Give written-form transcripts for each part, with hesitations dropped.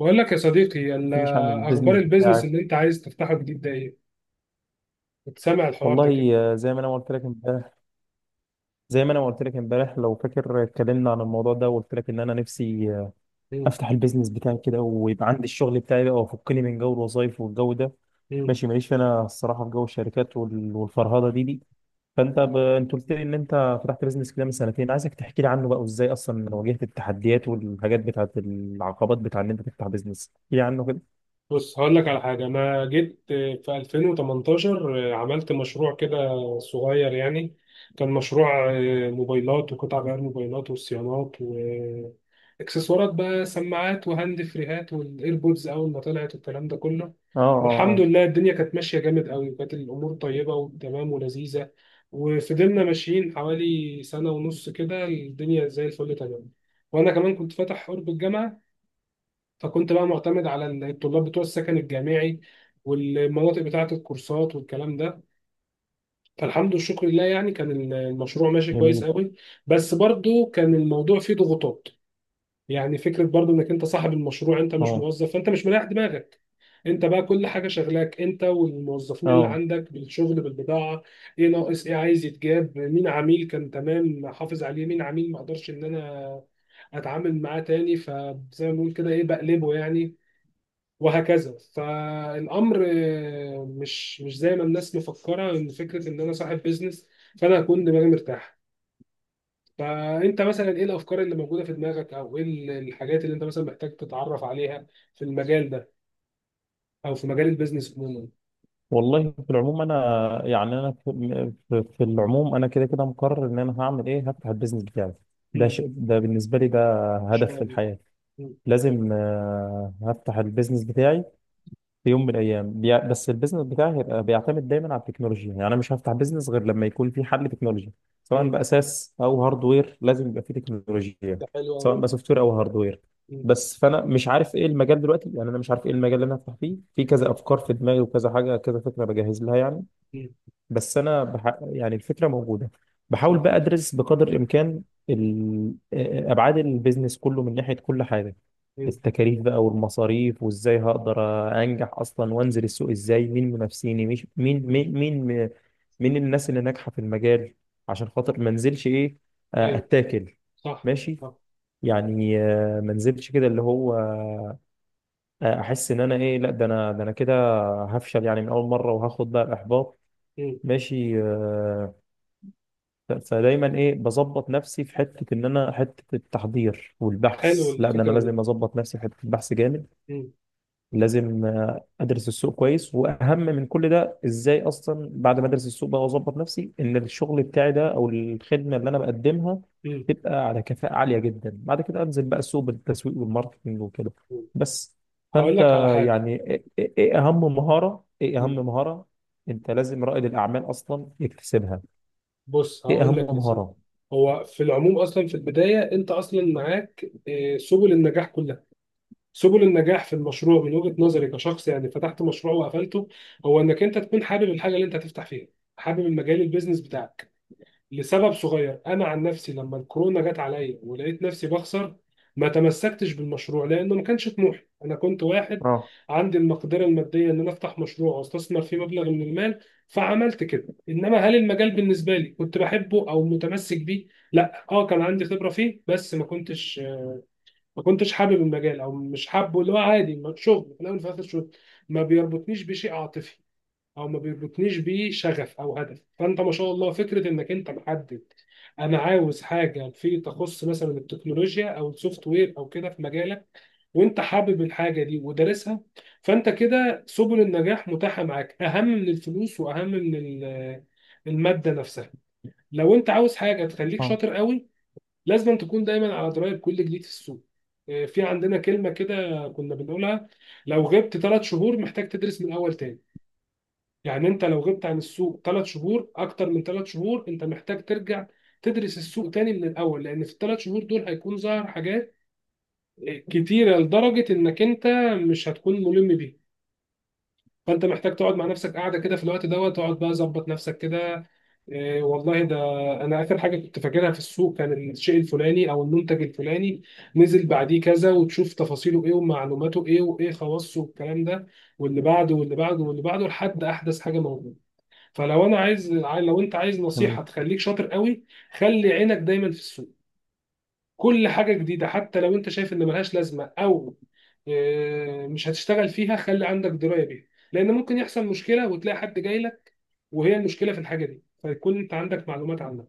بقول لك يا صديقي تحكيليش عن اخبار البيزنس البيزنس بتاعك. اللي انت عايز تفتحه جديد ده ايه؟ كنت سامع الحوار ده كده. والله آه، زي ما انا قلت لك امبارح لو فاكر، اتكلمنا عن الموضوع ده وقلت لك ان انا نفسي، مم. افتح البيزنس بتاعي كده ويبقى عندي الشغل بتاعي بقى وافكني من جو الوظايف والجو ده. مم. ماشي، ماليش انا الصراحه في جو الشركات والفرهده دي. فانت انت قلت لي ان انت فتحت بيزنس كده من سنتين، عايزك تحكي لي عنه بقى وازاي اصلا واجهت التحديات والحاجات بتاعت العقبات بتاع ان انت تفتح بيزنس، احكي لي عنه كده. بص هقول لك على حاجة، أنا جيت في 2018 عملت مشروع كده صغير يعني. كان مشروع موبايلات وقطع غيار موبايلات وصيانات وإكسسوارات، بقى سماعات وهاند فريهات والإيربودز أول ما طلعت الكلام ده كله. اه، اه، الحمد اه. لله الدنيا كانت ماشية جامد قوي، وكانت الأمور طيبة وتمام ولذيذة. وفضلنا ماشيين حوالي سنة ونص كده الدنيا زي الفل تمام. وأنا كمان كنت فاتح قرب الجامعة، فكنت بقى معتمد على الطلاب بتوع السكن الجامعي والمناطق بتاعة الكورسات والكلام ده. فالحمد والشكر لله يعني كان المشروع ماشي كويس جميل. قوي. بس برضو كان الموضوع فيه ضغوطات. يعني فكرة برضو انك انت صاحب المشروع، انت مش اه، موظف، فانت مش مريح دماغك. انت بقى كل حاجة شغلاك، انت والموظفين اللي اه. عندك بالشغل بالبضاعة. ايه ناقص، ايه عايز يتجاب، مين عميل كان تمام حافظ عليه، مين عميل ما اقدرش ان انا اتعامل معاه تاني، فزي ما بنقول كده ايه بقلبه يعني. وهكذا فالامر مش زي ما الناس مفكره ان فكره ان انا صاحب بيزنس فانا هكون دماغي مرتاحه. فانت مثلا ايه الافكار اللي موجوده في دماغك، او ايه الحاجات اللي انت مثلا محتاج تتعرف عليها في المجال ده، او في مجال البيزنس عموما؟ والله في العموم انا، يعني انا في العموم انا كده كده مقرر ان انا هعمل ايه، هفتح البيزنس بتاعي. ده مم. شيء، ده بالنسبه لي ده ان شاء هدف في الله. الحياه. مم. لازم آه، هفتح البيزنس بتاعي في يوم من الايام. بس البيزنس بتاعي هيبقى بيعتمد دايما على التكنولوجيا، يعني انا مش هفتح بيزنس غير لما يكون في حل تكنولوجي. سواء ايه، باساس او هاردوير لازم يبقى في تكنولوجيا، ده حلو قوي. سواء بقى سوفت وير او هاردوير. بس فانا مش عارف ايه المجال دلوقتي، يعني انا مش عارف ايه المجال اللي انا هفتح فيه. في كذا افكار في دماغي وكذا حاجه كذا فكره بجهز لها يعني. بس انا يعني الفكره موجوده، بحاول صح. بقى ادرس بقدر الامكان ابعاد البيزنس كله من ناحيه كل حاجه. مم. التكاليف بقى والمصاريف، وازاي هقدر انجح اصلا وانزل السوق ازاي، مين منافسيني، مش مين مم. مين مين مين الناس اللي ناجحه في المجال، عشان خاطر ما انزلش ايه آه، ايوه. اتاكل. صح. ماشي، صح. يعني آه، ما انزلش كده اللي هو آه، احس ان انا ايه، لا ده انا ده انا كده هفشل يعني من اول مره وهاخد بقى الاحباط. مم. ماشي آه، فدايما ايه، بظبط نفسي في حته ان انا، حته التحضير حلو والبحث، لا ده انا الفكره دي. لازم اظبط نفسي في حته البحث جامد. مم. لازم آه، ادرس السوق كويس، واهم من كل ده ازاي اصلا بعد ما ادرس السوق بقى واظبط نفسي ان الشغل بتاعي ده او الخدمه اللي انا بقدمها مم. تبقى على كفاءه عاليه جدا، بعد كده انزل بقى السوق بالتسويق والماركتنج وكده. بس. هقول فانت لك على حاجه. يعني ايه، إيه اهم مهاره، ايه اهم مهاره انت لازم رائد الاعمال اصلا يكتسبها، بص ايه هقول اهم لك يا سيدي، مهاره؟ هو في العموم اصلا في البدايه انت اصلا معاك سبل النجاح كلها. سبل النجاح في المشروع من وجهه نظري كشخص يعني فتحت مشروع وقفلته، هو انك انت تكون حابب الحاجه اللي انت هتفتح فيها، حابب المجال البيزنس بتاعك. لسبب صغير، انا عن نفسي لما الكورونا جت عليا ولقيت نفسي بخسر ما تمسكتش بالمشروع لانه ما كانش طموحي. انا كنت واحد اه، عندي المقدره الماديه ان انا افتح مشروع واستثمر فيه مبلغ من المال، فعملت كده. انما هل المجال بالنسبه لي كنت بحبه او متمسك بيه؟ لا. اه، كان عندي خبره فيه بس ما كنتش حابب المجال او مش حابه، اللي هو عادي، ما- شغل في الاول وفي الاخر شغل، ما بيربطنيش بشيء عاطفي او ما بيربطنيش بيه شغف او هدف. فانت ما شاء الله فكره انك انت محدد، انا عاوز حاجه في تخص مثلا التكنولوجيا او السوفت وير او كده في مجالك، وانت حابب الحاجه دي ودارسها. فانت كده سبل النجاح متاحه معاك، اهم من الفلوس واهم من الماده نفسها. لو انت عاوز حاجه تخليك اه. شاطر قوي، لازم تكون دايما على درايه بكل جديد في السوق. في عندنا كلمه كده كنا بنقولها، لو غبت ثلاث شهور محتاج تدرس من الاول تاني. يعني انت لو غبت عن السوق ثلاث شهور، اكتر من ثلاث شهور، انت محتاج ترجع تدرس السوق تاني من الاول، لان في الثلاث شهور دول هيكون ظهر حاجات كتيره لدرجه انك انت مش هتكون ملم بيها. فانت محتاج تقعد مع نفسك قاعده كده في الوقت دوت تقعد بقى ظبط نفسك كده. إيه والله ده انا اخر حاجه كنت فاكرها في السوق كان الشيء الفلاني او المنتج الفلاني، نزل بعديه كذا وتشوف تفاصيله ايه ومعلوماته ايه وايه خواصه والكلام ده، واللي بعده واللي بعده واللي بعده لحد احدث حاجه موجوده. فلو انا عايز، لو انت عايز جميل. نصيحه تخليك شاطر قوي، خلي عينك دايما في السوق. كل حاجه جديده حتى لو انت شايف ان ملهاش لازمه او مش هتشتغل فيها، خلي عندك درايه بيها، لان ممكن يحصل مشكله وتلاقي حد جاي لك وهي المشكله في الحاجه دي، فيكون انت عندك معلومات عنها.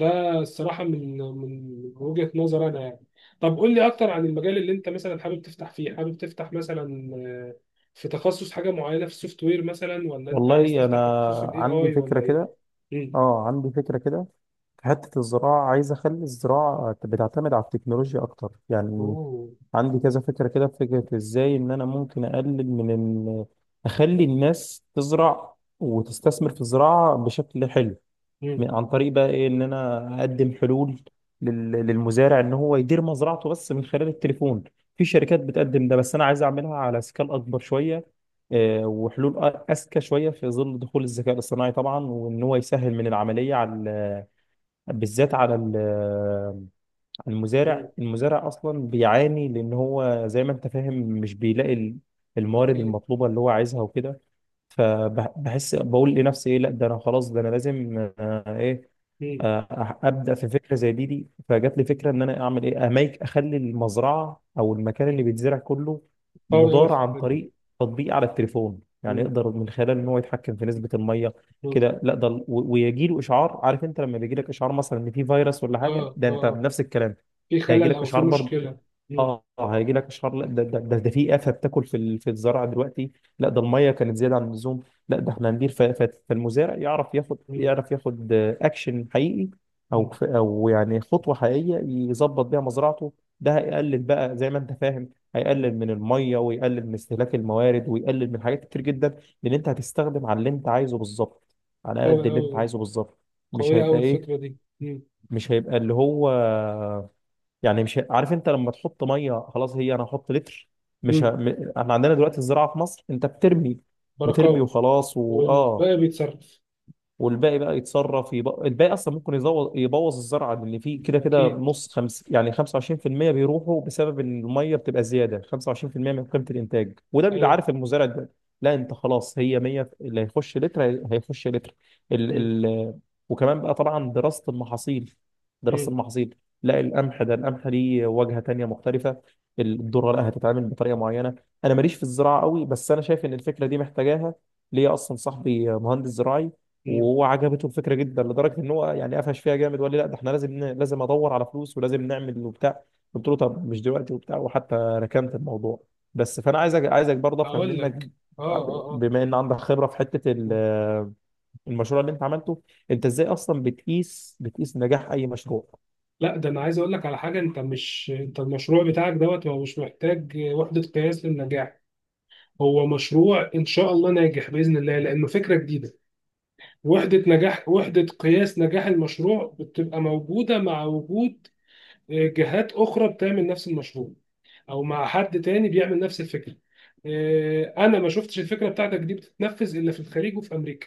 ده الصراحه من وجهه نظر انا يعني. طب قول لي اكتر عن المجال اللي انت مثلا حابب تفتح فيه، حابب تفتح مثلا في تخصص حاجه معينه في السوفت وير مثلا ولا انت عايز والله انا تفتح تخصص الاي عندي اي فكره ولا ايه؟ كده. مم. اه عندي فكره كده، في حته الزراعه. عايز اخلي الزراعه بتعتمد على التكنولوجيا اكتر يعني. أوه. عندي كذا فكره كده، في فكره ازاي ان انا ممكن اقلل من، ان اخلي الناس تزرع وتستثمر في الزراعه بشكل حلو. عن مم. طريق بقى ايه، ان انا اقدم حلول للمزارع ان هو يدير مزرعته بس من خلال التليفون. في شركات بتقدم ده، بس انا عايز اعملها على سكال اكبر شويه، آه، وحلول اذكى شويه في ظل دخول الذكاء الاصطناعي طبعا، وان هو يسهل من العمليه على بالذات على على المزارع. مم. المزارع اصلا بيعاني لان هو زي ما انت فاهم مش بيلاقي الموارد أكيد. المطلوبه اللي هو عايزها وكده. فبحس بقول لنفسي ايه، لا ده انا خلاص ده انا لازم آه، ايه مم. آه، ابدا في فكره زي دي. فجات لي فكره ان انا اعمل ايه، اميك اخلي المزرعه او المكان مم. اللي بيتزرع كله قوي أوي مدار عن الفكرة دي. طريق تطبيق على التليفون، يعني مم. يقدر من خلاله ان هو يتحكم في نسبه الميه مم. كده. لا ده ويجي له اشعار. عارف انت لما بيجي لك اشعار مثلا ان في فيروس ولا آه حاجه، آه ده انت آه. بنفس الكلام في هيجي خلل لك أو في اشعار برضه. مشكلة. مم. اه هيجي لك اشهار، لا ده في افه بتاكل في في الزراعه دلوقتي. لا ده الميه كانت زياده عن اللزوم. لا ده احنا هندير فالمزارع يعرف ياخد، مم. يعرف ياخد اكشن حقيقي، او مم. او يعني خطوه حقيقيه يظبط بيها مزرعته. ده هيقلل بقى زي ما انت فاهم، مم. هيقلل من الميه ويقلل من استهلاك الموارد ويقلل من حاجات كتير جدا. لان انت هتستخدم على اللي انت عايزه بالظبط، على قد قوي اللي انت أوي. عايزه بالظبط. مش قوية هيبقى أوي الفكرة ايه، دي. مم. مش هيبقى اللي هو يعني مش عارف انت لما تحط ميه خلاص، هي انا هحط لتر. مش مم. ه... م- احنا عندنا دلوقتي الزراعه في مصر انت بترمي، بترمي بركاوي. وخلاص واه، والباقي بيتصرف. والباقي بقى يتصرف. الباقي اصلا ممكن يبوظ الزرعه اللي فيه كده كده أكيد. نص خمس، يعني 25% بيروحوا بسبب ان الميه بتبقى زياده 25% من قيمه الانتاج، وده بيبقى أيوه. عارف المزارع ده. لا انت خلاص، هي 100 اللي هيخش لتر هيخش لتر. ال... مم. ال... وكمان بقى طبعا دراسه المحاصيل، دراسه مم. المحاصيل لا القمح ده، القمح ليه واجهه تانيه مختلفه. الذره لا هتتعامل بطريقه معينه. انا ماليش في الزراعه قوي، بس انا شايف ان الفكره دي محتاجاها. ليا اصلا صاحبي مهندس زراعي مم. وهو عجبته الفكره جدا لدرجه ان هو يعني قفش فيها جامد وقال لي لا ده احنا لازم لازم ادور على فلوس ولازم نعمل وبتاع. قلت له طب مش دلوقتي وبتاع، وحتى ركنت الموضوع. بس فانا عايزك برضه افهم أقول منك لك. آه آه آه. بما ان عندك خبره في حته مم. المشروع اللي انت عملته. انت ازاي اصلا بتقيس نجاح اي مشروع؟ لا ده أنا عايز أقول لك على حاجة، أنت مش، أنت المشروع بتاعك دوت هو مش محتاج وحدة قياس للنجاح. هو مشروع ان شاء الله ناجح باذن الله لانه فكره جديده. وحده نجاح، وحده قياس نجاح المشروع بتبقى موجوده مع وجود جهات اخرى بتعمل نفس المشروع او مع حد تاني بيعمل نفس الفكره. انا ما شفتش الفكره بتاعتك دي بتتنفذ الا في الخليج وفي امريكا.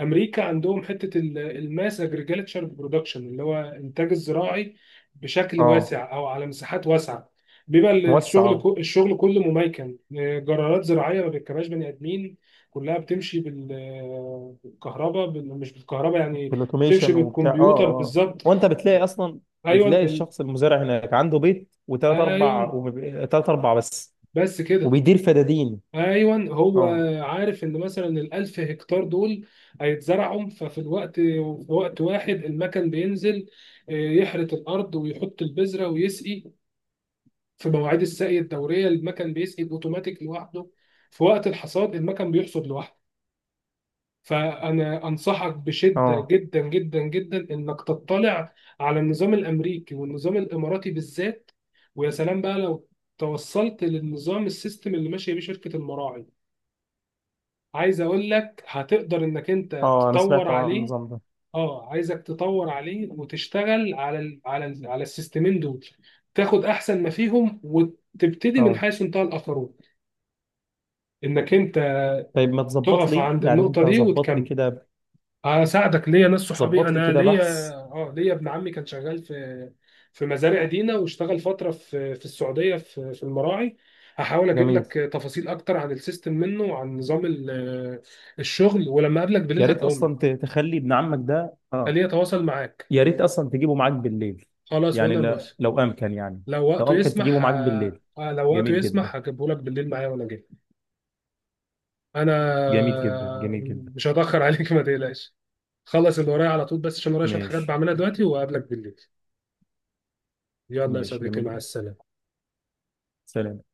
امريكا عندهم حته الماس اجريجلتشر برودكشن اللي هو انتاج الزراعي بشكل اه، واسع او على مساحات واسعه. بيبقى موسع اه. الشغل كله مميكن، جرارات زراعيه ما بيركبهاش بني ادمين. كلها بتمشي بال- بالكهرباء بال- مش بالكهرباء يعني، بتمشي بالاوتوميشن وبتاع، اه بالكمبيوتر اه. بالظبط. وانت بتلاقي اصلا، ايوه بتلاقي الشخص المزارع هناك عنده بيت وثلاث ايوه اربع تلات اربع بس، بس كده. وبيدير فدادين. ايوه هو اه، عارف ان مثلا الالف هكتار دول هيتزرعوا، ففي الوقت في وقت واحد المكن بينزل يحرث الارض ويحط البذره ويسقي. في مواعيد السقي الدوريه المكن بيسقي اوتوماتيك لوحده، في وقت الحصاد المكن بيحصد لوحده. فانا انصحك بشده اه، جدا جدا جدا انك تطلع على النظام الامريكي والنظام الاماراتي بالذات. ويا سلام بقى لو توصلت للنظام، السيستم اللي ماشيه بيه شركه المراعي. عايز اقول لك هتقدر انك انت اه. انا تطور سمعت عن عليه. النظام ده. اه عايزك تطور عليه وتشتغل على ال على ال على السيستمين دول، تاخد احسن ما فيهم وتبتدي من اه، حيث انتهى الاخرون، انك انت طيب ما تظبط تقف لي، عند يعني النقطة انت دي ظبط لي وتكمل. كده، هساعدك، ليا ناس صحابي، ظبط لي انا كده ليا، بحث. اه ليا ابن عمي كان شغال في مزارع دينا واشتغل فترة في السعودية في المراعي. هحاول اجيب جميل. لك تفاصيل اكتر عن السيستم منه وعن نظام الشغل، ولما اقابلك بالليل يا ريت هديهم اصلا لك. تخلي ابن عمك ده خليه اه. يتواصل معاك. يا ريت اصلا تجيبه معاك بالليل، خلاص يعني وانا موافق. لو امكن يعني، لو لو وقته امكن تجيبه يسمح معاك بالليل. لو وقته جميل جدا. يسمح هجيبه لك بالليل معايا وانا جاي. انا جميل جدا، جميل جدا. مش هتاخر عليك ما تقلقش. خلص اللي ورايا على طول، بس عشان ورايا شويه حاجات ماشي. بعملها دلوقتي وقابلك بالليل. يلا يا ماشي، صديقي جميل مع جدا. السلامه. سلام.